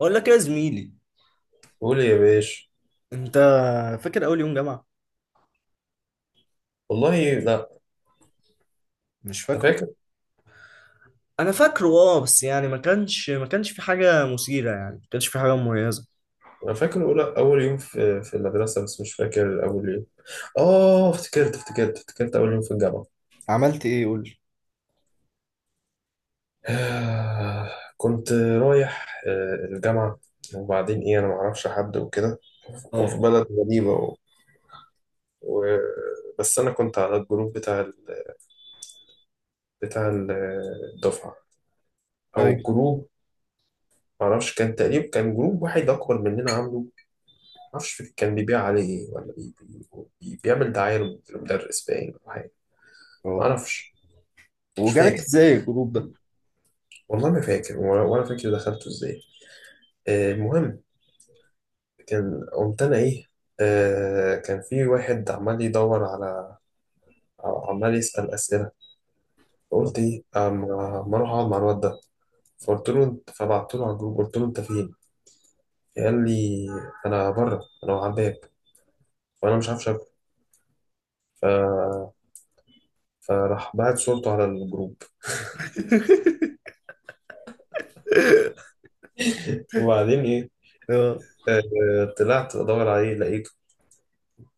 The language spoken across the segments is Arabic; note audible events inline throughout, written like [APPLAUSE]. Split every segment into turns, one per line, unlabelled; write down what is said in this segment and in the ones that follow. بقول لك إيه يا زميلي.
قول يا باشا.
انت فاكر اول يوم جامعه؟
والله لا.
مش
انت
فاكره.
فاكر؟
انا فاكره، اه، بس يعني ما كانش في حاجه مثيره، يعني ما كانش في حاجه مميزه.
انا فاكر اول يوم في المدرسه، بس مش فاكر اول يوم. اه، افتكرت اول يوم في الجامعه.
عملت ايه؟ قول لي.
[SIGHS] آه، كنت رايح الجامعه، وبعدين ايه انا ما اعرفش حد وكده، وفي
اه.
بلد غريبه و... بس انا كنت على الجروب بتاع ال- الدفعه، او
ايوه.
جروب. ما اعرفش، كان تقريبا كان جروب واحد اكبر مننا عامله، معرفش كان بيبيع عليه ايه، ولا بي بيعمل دعاية للمدرس باين، ولا حاجة
اه.
معرفش. مش
وجالك
فاكر،
ازاي الجروب ده؟
والله ما فاكر، ولا فاكر دخلته ازاي. آه، المهم. كان قمت انا ايه، آه، كان في واحد عمال يدور على، عمال يسأل أسئلة.
اه.
فقلت ايه، أما اروح اقعد مع الواد ده. فقلت له انت، فبعت له على الجروب، قلت له انت فين؟ قال لي انا بره، انا على الباب، وانا مش عارف شكله. ف... فراح بعت صورته على الجروب. وبعدين إيه،
[LAUGHS]
آه، طلعت أدور عليه لقيته،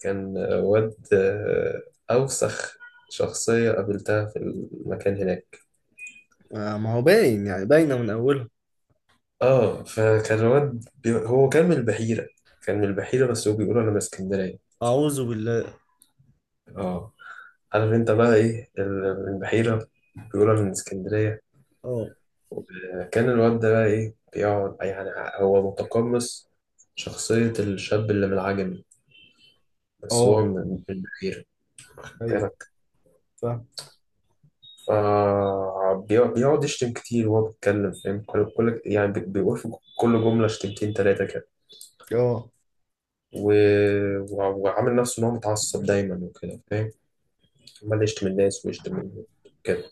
كان واد أوسخ شخصية قابلتها في المكان هناك.
آه، ما هو باين، يعني باينه من اولها.
اه، فكان واد هو كان من البحيرة، كان من البحيرة بس هو بيقول أنا من اسكندرية.
اعوذ بالله.
اه، عارف انت بقى ايه من البحيرة بيقول أنا من اسكندرية.
اه.
آه، كان الواد ده بقى ايه بيقعد يعني، هو متقمص شخصية الشاب اللي من العجمي، بس هو
اه.
من البحيرة.
ايوه. فاهم.
فبيقعد يشتم كتير وهو بيتكلم، فاهم، يعني بيقول في كل جملة شتمتين تلاتة كده.
اه.
و... وعامل نفسه إن هو متعصب دايما وكده، فاهم. عمال يشتم الناس، ويشتم كده.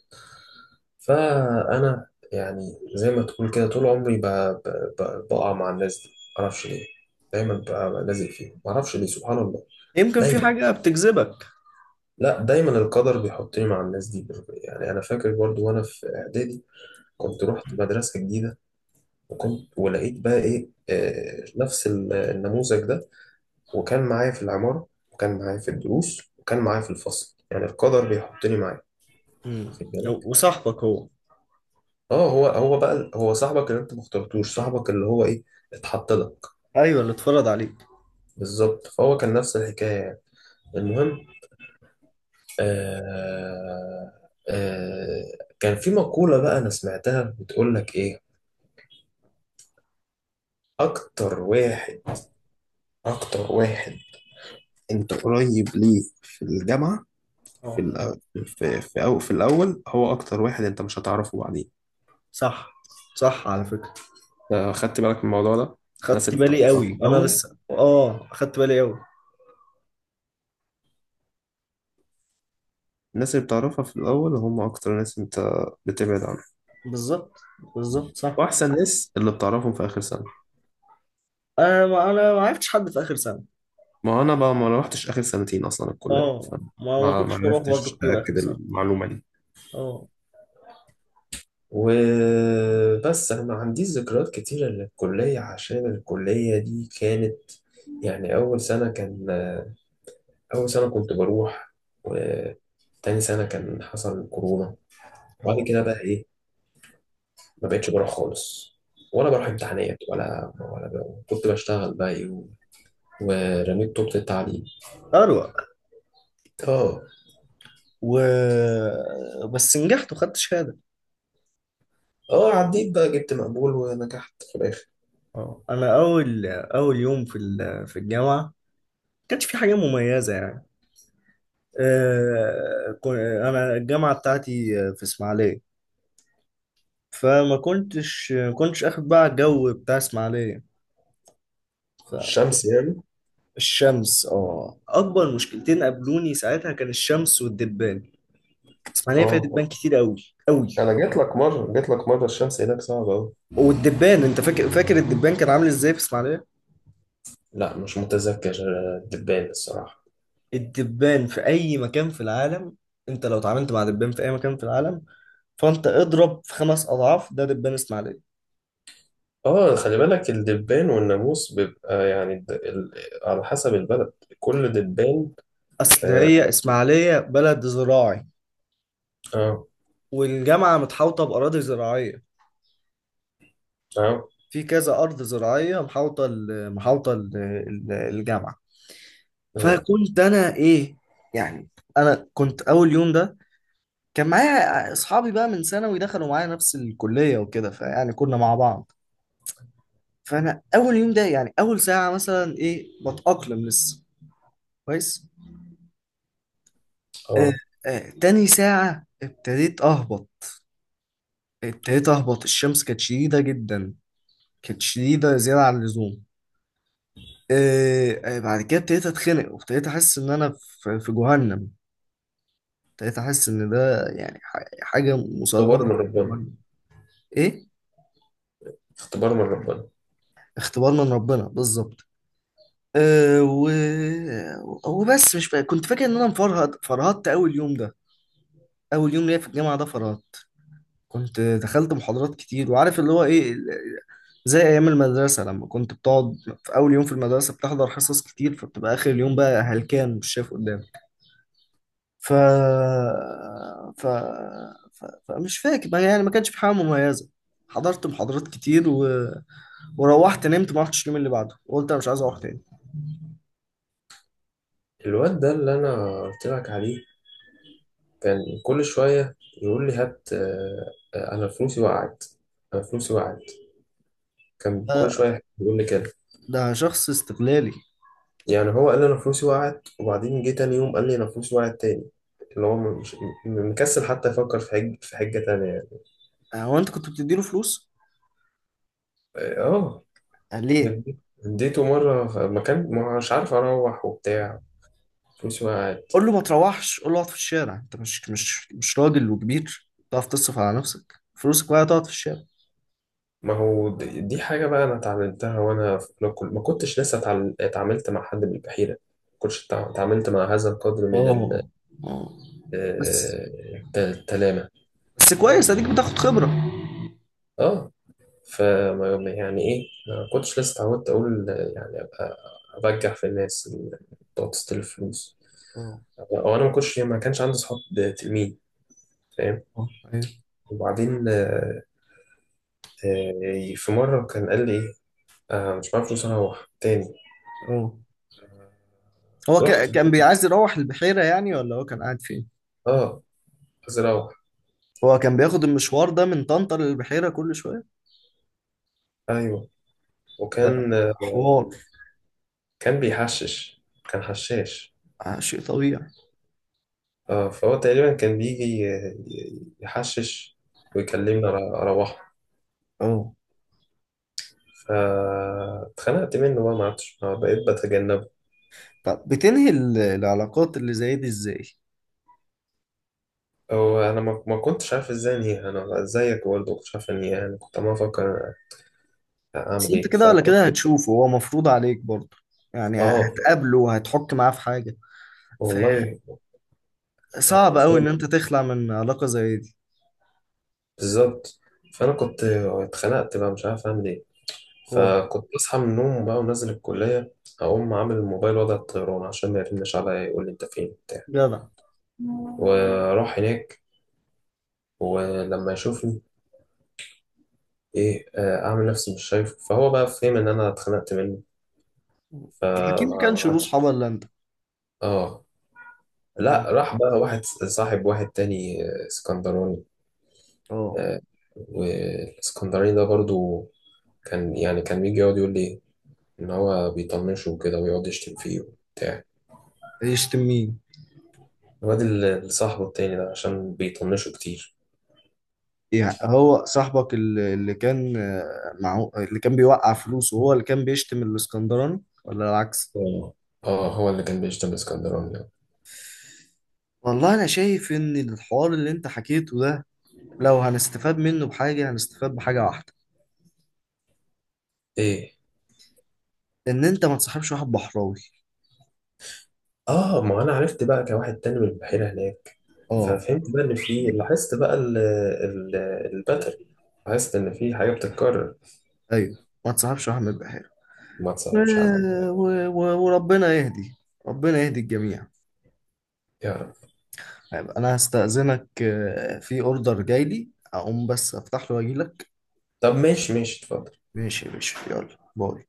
فأنا يعني، زي ما تقول كده طول عمري بقع مع الناس دي، معرفش ليه. دايما بقى لازق فيهم، معرفش ليه، سبحان الله.
يمكن في
دايما،
حاجه بتجذبك.
لا دايما القدر بيحطني مع الناس دي. يعني أنا فاكر برضو وأنا في إعدادي
آه.
كنت رحت مدرسة جديدة، وكنت ولقيت بقى ايه، آه، نفس النموذج ده. وكان معايا في العمارة، وكان معايا في الدروس، وكان معايا في الفصل. يعني القدر بيحطني معاه،
أمم.
واخد بالك.
وصاحبك هو؟
اه، هو بقى هو صاحبك اللي انت ما اخترتوش، صاحبك اللي هو ايه، اتحط لك.
ايوه، اللي اتفرض عليك.
بالظبط، فهو كان نفس الحكاية يعني. المهم، آه آه، كان في مقولة بقى انا سمعتها بتقول لك ايه. اكتر واحد، اكتر واحد انت قريب ليه في الجامعة
اه،
في الأول، في الأول هو أكتر واحد أنت مش هتعرفه بعدين.
صح، صح على فكره.
آه، خدت بالك من الموضوع ده؟ الناس
خدت
اللي
بالي
بتعرفها في
قوي وانا
الأول،
لسه، خدت بالي قوي.
الناس اللي بتعرفها في الأول هم أكتر ناس أنت بتبعد عنهم.
بالظبط. بالظبط صح.
وأحسن ناس اللي بتعرفهم في آخر سنة.
انا ما عرفتش حد في اخر سنه.
ما هو أنا بقى ما روحتش آخر سنتين أصلا الكلية،
اه،
فما
ما
ما
كنتش بروح
عرفتش
برضه كتير اخر
أأكد
سنه.
المعلومة دي.
اه.
وبس انا ما عنديش ذكريات كتيرة للكلية، عشان الكلية دي كانت يعني اول سنة كان أول سنة كنت بروح، وتاني سنة كان حصل كورونا، وبعد
اه.
كده بقى إيه، ما بقتش بروح خالص، ولا بروح امتحانات، ولا بقى. كنت بشتغل بقى إيه ورميت طوبة التعليم.
اروق.
آه،
و بس نجحت وخدت شهاده.
آه، عديت بقى جبت مقبول ونجحت في الآخر.
اه، انا اول اول يوم في في الجامعه ما كانش في حاجه مميزه يعني. آه، انا الجامعه بتاعتي في اسماعيليه، فما كنتش اخد بقى الجو بتاع اسماعيليه.
الشمس يعني.
الشمس، اه، اكبر مشكلتين قابلوني ساعتها كان الشمس والدبان. اسماعيليه فيها
آه،
دبان كتير قوي قوي.
أنا جيت لك مرة الشمس هناك صعبة أوي.
والدبان، انت فاكر، الدبان كان عامل ازاي في اسماعيليه؟
لا مش متذكر الدبان الصراحة.
الدبان في اي مكان في العالم، انت لو اتعاملت مع دبان في اي مكان في العالم، فانت اضرب في خمس اضعاف ده دبان اسماعيليه.
آه، خلي بالك الدبان والناموس بيبقى يعني على حسب البلد، كل دبان.
اصل
آه،
هي اسماعيليه بلد زراعي،
اه،
والجامعه متحوطه باراضي زراعيه.
اه،
في كذا ارض زراعيه محاوطه الجامعه.
اه،
فكنت انا ايه، يعني انا كنت اول يوم ده كان معايا اصحابي بقى من ثانوي دخلوا معايا نفس الكليه وكده، فيعني كنا مع بعض. فانا اول يوم ده يعني اول ساعه مثلا ايه، بتاقلم لسه كويس. آه.
آه.
تاني ساعه ابتديت اهبط، الشمس كانت شديده جدا، كانت شديده زياده عن اللزوم. آه. بعد كده ابتديت اتخنق وابتديت احس ان انا في جهنم. ابتديت احس ان ده يعني حاجه
اختبار من
مصغره.
ربنا.
ايه.
اختبار من ربنا.
اختبار من ربنا بالظبط. أه و... وبس مش فا... كنت فاكر ان انا مفرهد، فرهدت اول يوم ده. اول يوم ليا في الجامعه ده فرهدت. كنت دخلت محاضرات كتير، وعارف اللي هو ايه زي ايام المدرسه لما كنت بتقعد في اول يوم في المدرسه بتحضر حصص كتير، فبتبقى اخر اليوم بقى هلكان مش شايف قدامك. ف... ف... فمش فاكر يعني ما كانش في حاجه مميزه. حضرت محاضرات كتير وروحت نمت، ما رحتش اليوم اللي بعده، وقلت انا مش عايز اروح تاني.
الواد ده اللي انا قلت لك عليه كان كل شويه يقول لي هات، آه، آه، انا فلوسي وقعت، انا فلوسي وقعت. كان كل
آه،
شويه يقول لي كده.
ده شخص استغلالي.
يعني هو قال لي انا فلوسي وقعت، وبعدين جه تاني يوم قال لي انا فلوسي وقعت تاني. اللي هو مش مكسل حتى يفكر في حجه تانيه يعني.
آه، هو انت كنت بتديله فلوس؟
اه،
قال ليه؟
اديته مره مكان مش عارف اروح وبتاع، فلوسي وقعت.
قول له ما تروحش، قول له اقعد في الشارع، انت مش راجل وكبير تعرف تصرف على نفسك؟ فلوسك بقى تقعد في الشارع.
ما هو دي حاجة بقى أنا اتعلمتها وأنا في أولى، كل ما كنتش لسه اتعاملت مع حد بالبحيرة. ما كنتش اتعاملت مع هذا القدر من
اه. اه.
آه،
بس،
التلامة.
بس كويس اديك بتاخد خبرة.
اه، فما يعني إيه، ما كنتش لسه اتعودت أقول يعني أبقى أبجح في الناس اللي بتقعد تستلف فلوس.
اه.
أو أنا ما كانش عندي صحاب تلميذ، فاهم.
اه. ايوه.
وبعدين آه، في مرة كان قال لي إيه، آه، مش معايا فلوس أروح تاني.
اه. هو
رحت،
كان بيعايز يروح البحيرة يعني ولا هو كان قاعد فين؟
اه، عايز أروح.
هو كان بياخد المشوار ده من طنطا للبحيرة كل شوية.
ايوه،
ده
وكان،
حوار.
كان بيحشش، كان حشاش.
آه، شيء طبيعي.
اه، فهو تقريبا كان بيجي يحشش ويكلمني اروحه.
اه،
فاتخنقت منه بقى، ما عرفتش، ما بقيت بتجنبه.
طب بتنهي العلاقات اللي زي دي ازاي؟
هو انا ما كنتش عارف ازاي انهيها، انا زيك برضه ما كنتش عارف انهيها. انا كنت عمال افكر
بس
اعمل
انت
ايه،
كده ولا
فكنت.
كده هتشوفه، هو مفروض عليك برضه، يعني
اه،
هتقابله وهتحك معاه في حاجة.
والله. يعني
فصعب قوي ان
ازاي،
انت تخلع من علاقة زي دي.
بالظبط. فانا كنت اتخنقت بقى مش عارف اعمل ايه.
اه.
فكنت أصحى من النوم بقى ونازل الكلية، أقوم عامل الموبايل وضع الطيران عشان ما يرنش عليا يقول لي أنت فين بتاع.
جدع.
وأروح هناك، ولما يشوفني إيه، آه، أعمل نفسي مش شايفه. فهو بقى فهم إن أنا اتخنقت منه،
اكيد ما
فما ما
كانش له
عادش.
صحاب الا انت.
آه،
اه.
لا راح بقى واحد صاحب واحد تاني، آه، اسكندراني.
اه.
آه، والاسكندراني ده برضو كان يعني كان بيجي يقعد يقول لي إن هو بيطنشه وكده، ويقعد يشتم فيه وبتاع.
يشتم مين؟
الواد اللي صاحبه التاني ده عشان بيطنشوا كتير.
يعني هو صاحبك اللي كان، معه، اللي كان بيوقع فلوسه هو اللي كان بيشتم الاسكندراني ولا العكس؟
اه، آه، هو اللي كان بيشتغل اسكندراني ده.
والله انا شايف ان الحوار اللي انت حكيته ده لو هنستفاد منه بحاجة هنستفاد بحاجة واحدة.
ايه،
ان انت ما تصاحبش واحد بحراوي.
اه، ما انا عرفت بقى كواحد تاني من البحيرة هناك،
اه،
ففهمت بقى ان في، لاحظت بقى الباترن، لاحظت ان في حاجة بتتكرر.
ايوه. ما تصاحبش واحد من البحيرة.
ما تصعبش عليا.
وربنا يهدي، ربنا يهدي الجميع.
يا رب.
طيب، انا هستأذنك، في اوردر جاي لي اقوم بس افتح له واجي لك.
طب ماشي، ماشي، اتفضل.
ماشي يا باشا، يلا باي.